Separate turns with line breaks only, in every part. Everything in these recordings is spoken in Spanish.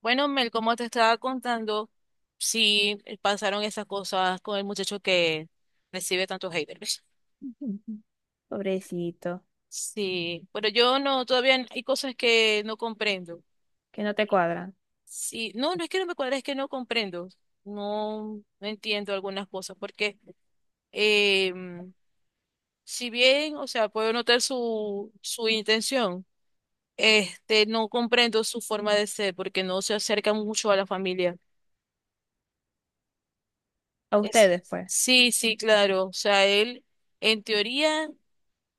Bueno, Mel, como te estaba contando, sí pasaron esas cosas con el muchacho que recibe tantos haters.
Ujú. Pobrecito,
Sí, pero yo no, todavía hay cosas que no comprendo.
que no te cuadran.
Sí, no, no es que no me cuadra, es que no comprendo. No, no entiendo algunas cosas, porque eh, si bien, o sea, puedo notar su intención, este, no comprendo su forma de ser, porque no se acerca mucho a la familia.
A
Es,
ustedes, pues.
sí, sí, claro. O sea, él en teoría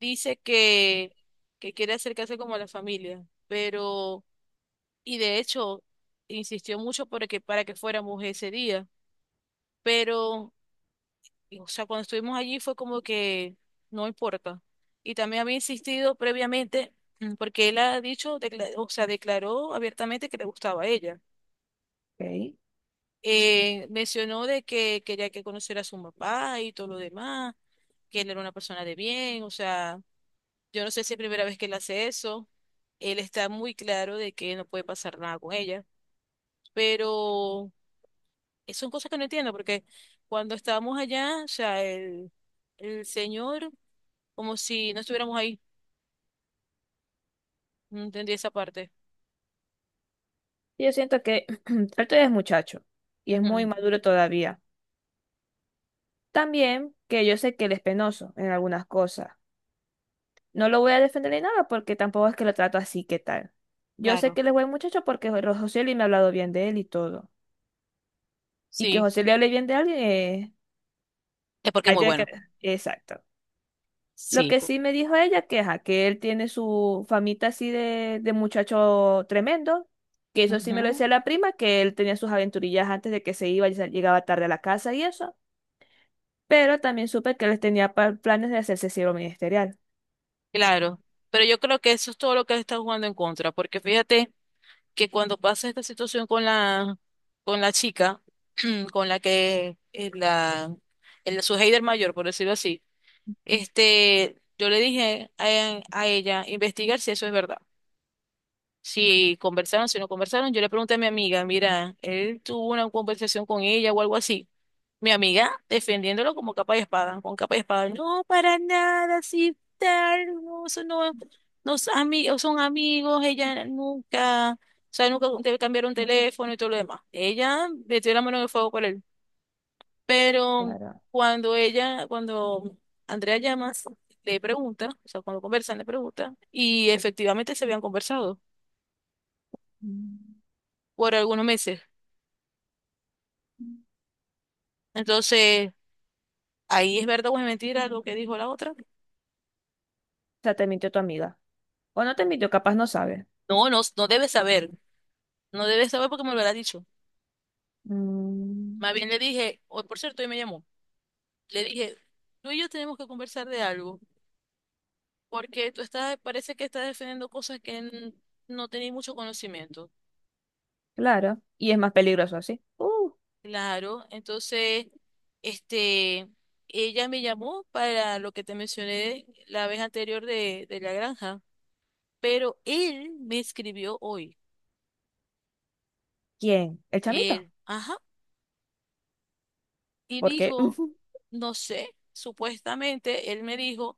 dice que quiere acercarse como a la familia, pero, y de hecho, insistió mucho para que fuéramos ese día, pero, y, o sea, cuando estuvimos allí fue como que no importa. Y también había insistido previamente, porque él ha dicho, o sea, declaró abiertamente que le gustaba a ella.
Ok.
Mencionó de que quería que conociera a su papá y todo lo demás, que él era una persona de bien, o sea, yo no sé si es primera vez que él hace eso, él está muy claro de que no puede pasar nada con ella, pero son cosas que no entiendo, porque cuando estábamos allá, o sea, el señor, como si no estuviéramos ahí, no entendí esa parte.
Yo siento que Alto es muchacho y es muy
Ujú,
maduro todavía. También que yo sé que él es penoso en algunas cosas. No lo voy a defender ni nada porque tampoco es que lo trato así, ¿qué tal? Yo sé
claro,
que él es buen muchacho porque José Luis me ha hablado bien de él y todo. Y que
sí,
José le hable bien de alguien,
es porque es
ahí
muy
tiene que...
bueno.
Exacto. Lo
Sí.
que sí me dijo ella que, ajá, que él tiene su famita así de muchacho tremendo, que eso sí me lo
Ujú.
decía la prima, que él tenía sus aventurillas antes de que se iba y llegaba tarde a la casa y eso, pero también supe que él tenía planes de hacerse siervo ministerial.
Claro, pero yo creo que eso es todo lo que le está jugando en contra, porque fíjate que cuando pasa esta situación con la chica, con la que su hater mayor, por decirlo así, este, yo le dije a ella investigar si eso es verdad, si conversaron, si no conversaron. Yo le pregunté a mi amiga, mira, él tuvo una conversación con ella o algo así. Mi amiga defendiéndolo como capa y espada, con capa y espada. No, para nada, sí, tal, no, eso no, no son amigos, son amigos, ella nunca, o sea, nunca te cambiaron teléfono y todo lo demás. Ella metió la mano en el fuego por él. Pero
Claro.
cuando ella, cuando Andrea Llamas le pregunta, o sea, cuando conversan le pregunta, y efectivamente se habían conversado
Mm.
por algunos meses. Entonces, ahí es verdad o es mentira lo que dijo la otra.
O sea, te mintió tu amiga. O no te mintió, capaz no sabe.
No, no, no debe saber. No debe saber porque me lo hubiera dicho.
Mm.
Más bien le dije, o por cierto, hoy me llamó. Le dije, tú y yo tenemos que conversar de algo, porque tú estás, parece que estás defendiendo cosas que no tenéis mucho conocimiento.
Claro. Y es más peligroso así.
Claro, entonces, este, ella me llamó para lo que te mencioné la vez anterior de la granja, pero él me escribió hoy.
¿Quién? ¿El chamito?
Él, ajá. Y
Porque...
dijo, no sé, supuestamente él me dijo,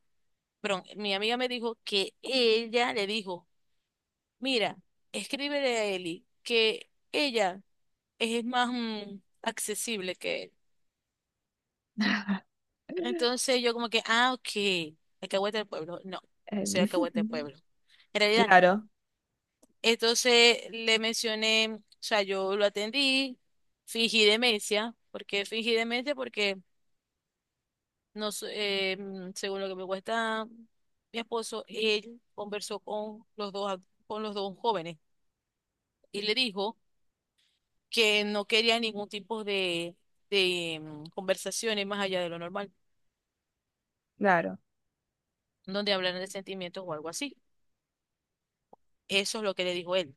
pero mi amiga me dijo que ella le dijo, mira, escríbele a Eli que ella es más accesible que él. Entonces yo como que, ah, ok, Alcahuete del pueblo. No, no soy Alcahuete del pueblo. En realidad, no.
Claro,
Entonces le mencioné, o sea, yo lo atendí, fingí demencia. ¿Por qué fingí demencia? Porque según lo que me cuesta mi esposo, él conversó con los dos, con los dos jóvenes y le dijo que no quería ningún tipo de, de conversaciones más allá de lo normal,
claro.
donde hablaran de sentimientos o algo así. Eso es lo que le dijo él.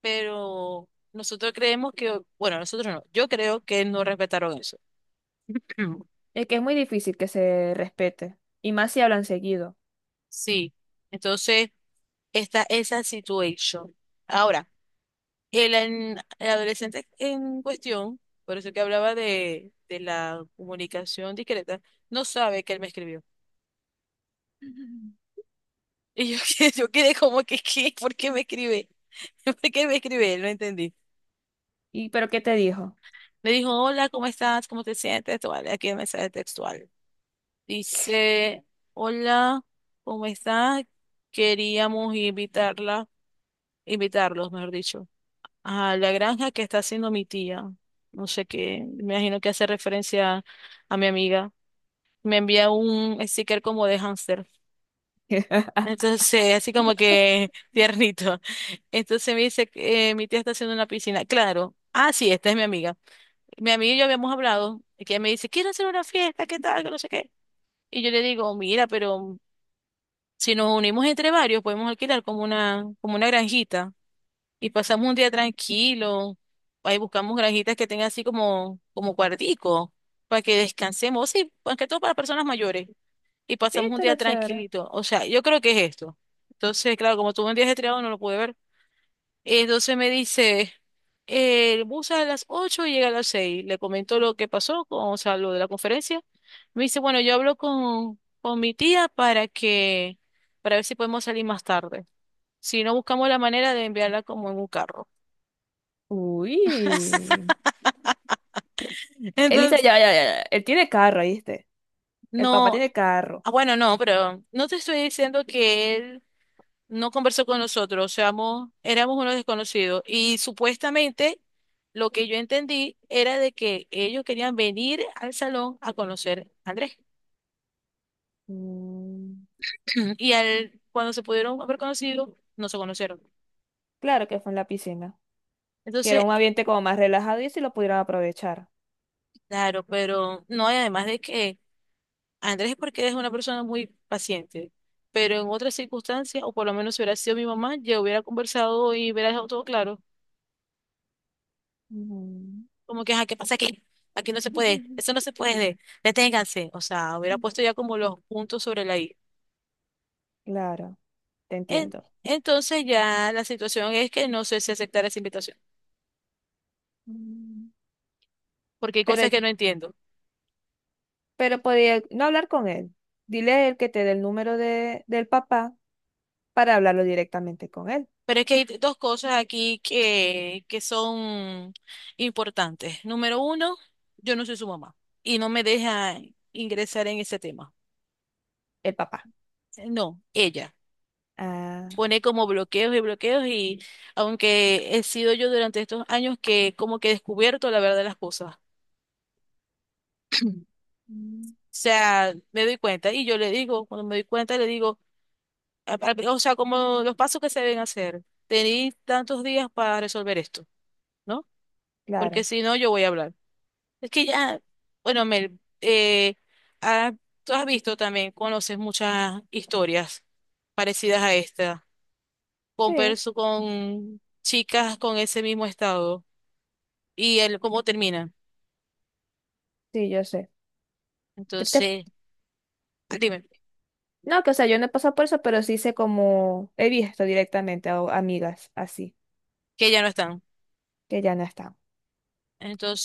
Pero nosotros creemos que, bueno, nosotros no, yo creo que no respetaron eso.
Es que es muy difícil que se respete. Y más si hablan seguido.
Sí, entonces está esa situación. Ahora. El adolescente en cuestión, por eso que hablaba de la comunicación discreta, no sabe que él me escribió. Y yo, yo quedé como que, ¿qué? ¿Por qué me escribe? ¿Por qué me escribe? No entendí.
¿Y pero qué te dijo?
Me dijo, hola, ¿cómo estás? ¿Cómo te sientes? Te Aquí el mensaje textual. Dice, hola, ¿cómo estás? Queríamos invitarla, invitarlos, mejor dicho, a la granja que está haciendo mi tía. No sé qué, me imagino que hace referencia a mi amiga. Me envía un sticker como de hámster. Entonces, así como que tiernito. Entonces me dice, que, mi tía está haciendo una piscina. Claro. Ah, sí, esta es mi amiga. Mi amiga y yo habíamos hablado, y que ella me dice, quiero hacer una fiesta, ¿qué tal? Que no sé qué. Y yo le digo, mira, pero si nos unimos entre varios, podemos alquilar como una granjita y pasamos un día tranquilo. Ahí buscamos granjitas que tengan así como, como cuartico, para que descansemos. Sí, más que todo para personas mayores. Y
Sí,
pasamos un día
estaría chévere.
tranquilito. O sea, yo creo que es esto. Entonces, claro, como tuve un día estriado, no lo pude ver. Entonces me dice, el bus sale a las 8 y llega a las seis. Le comentó lo que pasó, o sea, lo de la conferencia. Me dice, bueno, yo hablo con mi tía para que, para ver si podemos salir más tarde. Si no, buscamos la manera de enviarla como en un carro.
Uy. Elisa,
Entonces,
ya, ya, ya. Ya. Él tiene carro, ¿viste? El papá
no,
tiene carro.
ah, bueno, no, pero no te estoy diciendo que él no conversó con nosotros, o sea, éramos unos desconocidos. Y supuestamente lo que yo entendí era de que ellos querían venir al salón a conocer a Andrés.
Mm,
Y al, cuando se pudieron haber conocido, no se conocieron.
claro que fue en la piscina. Que era
Entonces,
un ambiente como más relajado y si lo pudieran aprovechar.
claro, pero no, y además de que Andrés es porque es una persona muy paciente. Pero en otras circunstancias, o por lo menos si hubiera sido mi mamá, yo hubiera conversado y hubiera dejado todo claro.
Mm,
Como que, ajá, ¿qué pasa aquí? Aquí no se puede, eso no se puede, deténganse. O sea, hubiera puesto ya como los puntos sobre la I.
claro, te
En-
entiendo.
entonces ya la situación es que no sé si aceptar esa invitación,
Mm.
porque hay
Pero,
cosas que no entiendo.
pero podía no hablar con él. Dile a él que te dé el número de, del papá para hablarlo directamente con él,
Pero es que hay dos cosas aquí que son importantes. Número uno, yo no soy su mamá y no me deja ingresar en ese tema.
el papá.
No, ella
Ah,
pone como bloqueos y bloqueos y aunque he sido yo durante estos años que como que he descubierto la verdad de las cosas. O
mm,
sea, me doy cuenta y yo le digo, cuando me doy cuenta le digo, o sea, como los pasos que se deben hacer, tenéis tantos días para resolver esto, ¿no? Porque
claro.
si no, yo voy a hablar. Es que ya, bueno, Mel, ah, tú has visto también, conoces muchas historias parecidas a esta,
Sí,
con, con chicas con ese mismo estado y el cómo terminan.
sí, yo sé. Te- te-
Entonces, dime,
No, que o sea, yo no he pasado por eso, pero sí sé como he visto directamente a amigas así,
que ya no están.
que ya no están.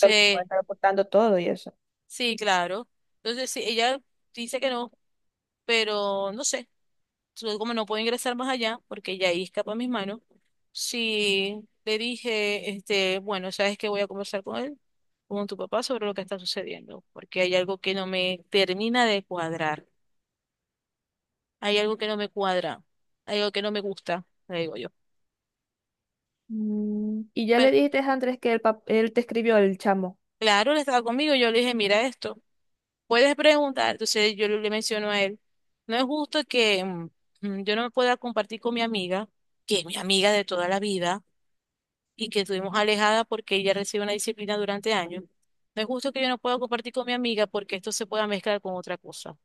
Lo mismo, están reportando todo y eso.
Sí, claro. Entonces, sí, ella dice que no, pero no sé. Entonces, como no puedo ingresar más allá, porque ya ahí escapa a mis manos, sí le dije, este, bueno, sabes que voy a conversar con él, con tu papá, sobre lo que está sucediendo, porque hay algo que no me termina de cuadrar. Hay algo que no me cuadra. Hay algo que no me gusta, le digo yo.
Y ya le
Pero,
dijiste a Andrés que el él te escribió el chamo.
claro, él estaba conmigo, yo le dije, mira esto. Puedes preguntar, entonces yo le menciono a él, no es justo que yo no me pueda compartir con mi amiga, que es mi amiga de toda la vida y que estuvimos alejada porque ella recibe una disciplina durante años. No es justo que yo no pueda compartir con mi amiga porque esto se pueda mezclar con otra cosa.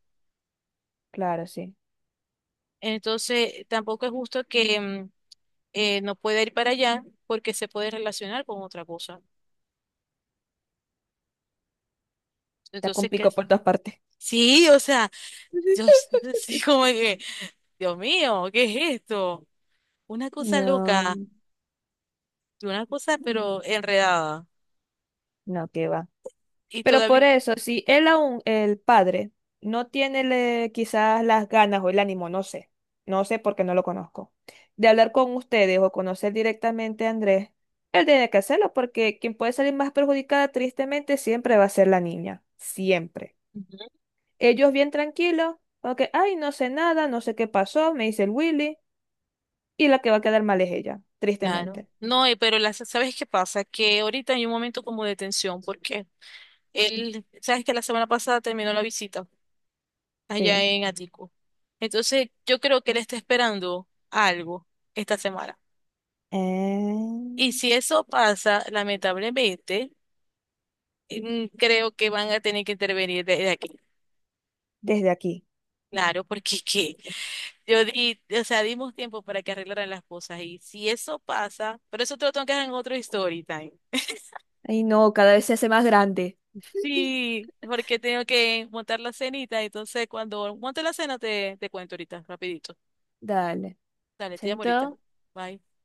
Claro, sí.
Entonces, tampoco es justo que no pueda ir para allá porque se puede relacionar con otra cosa.
Está
Entonces,
con
¿qué?
pico por todas partes.
Sí, o sea, yo sí como que, Dios mío, ¿qué es esto? Una cosa loca.
No,
Una cosa, pero enredada.
no, que va.
Y
Pero por
todavía,
eso, si él aún, el padre, no tiene quizás las ganas o el ánimo, no sé, no sé porque no lo conozco, de hablar con ustedes o conocer directamente a Andrés, él tiene que hacerlo porque quien puede salir más perjudicada tristemente siempre va a ser la niña, siempre.
Ujú.
Ellos bien tranquilos, porque, ay, no sé nada, no sé qué pasó, me dice el Willy, y la que va a quedar mal es ella,
Claro.
tristemente.
No, pero ¿sabes qué pasa? Que ahorita hay un momento como de tensión, porque él, sabes que la semana pasada terminó la visita allá
Sí.
en Atico. Entonces, yo creo que él está esperando algo esta semana. Y
Eh,
si eso pasa, lamentablemente, creo que van a tener que intervenir de aquí.
desde aquí.
Claro, porque ¿qué? Yo di, o sea, dimos tiempo para que arreglaran las cosas y si eso pasa, pero eso te lo tengo que dejar en otro story time.
Ay, no, cada vez se hace más grande.
Sí, porque tengo que montar la cenita, entonces cuando monte la cena te cuento ahorita, rapidito.
Dale.
Dale, te llamo
Chaito.
ahorita. Bye.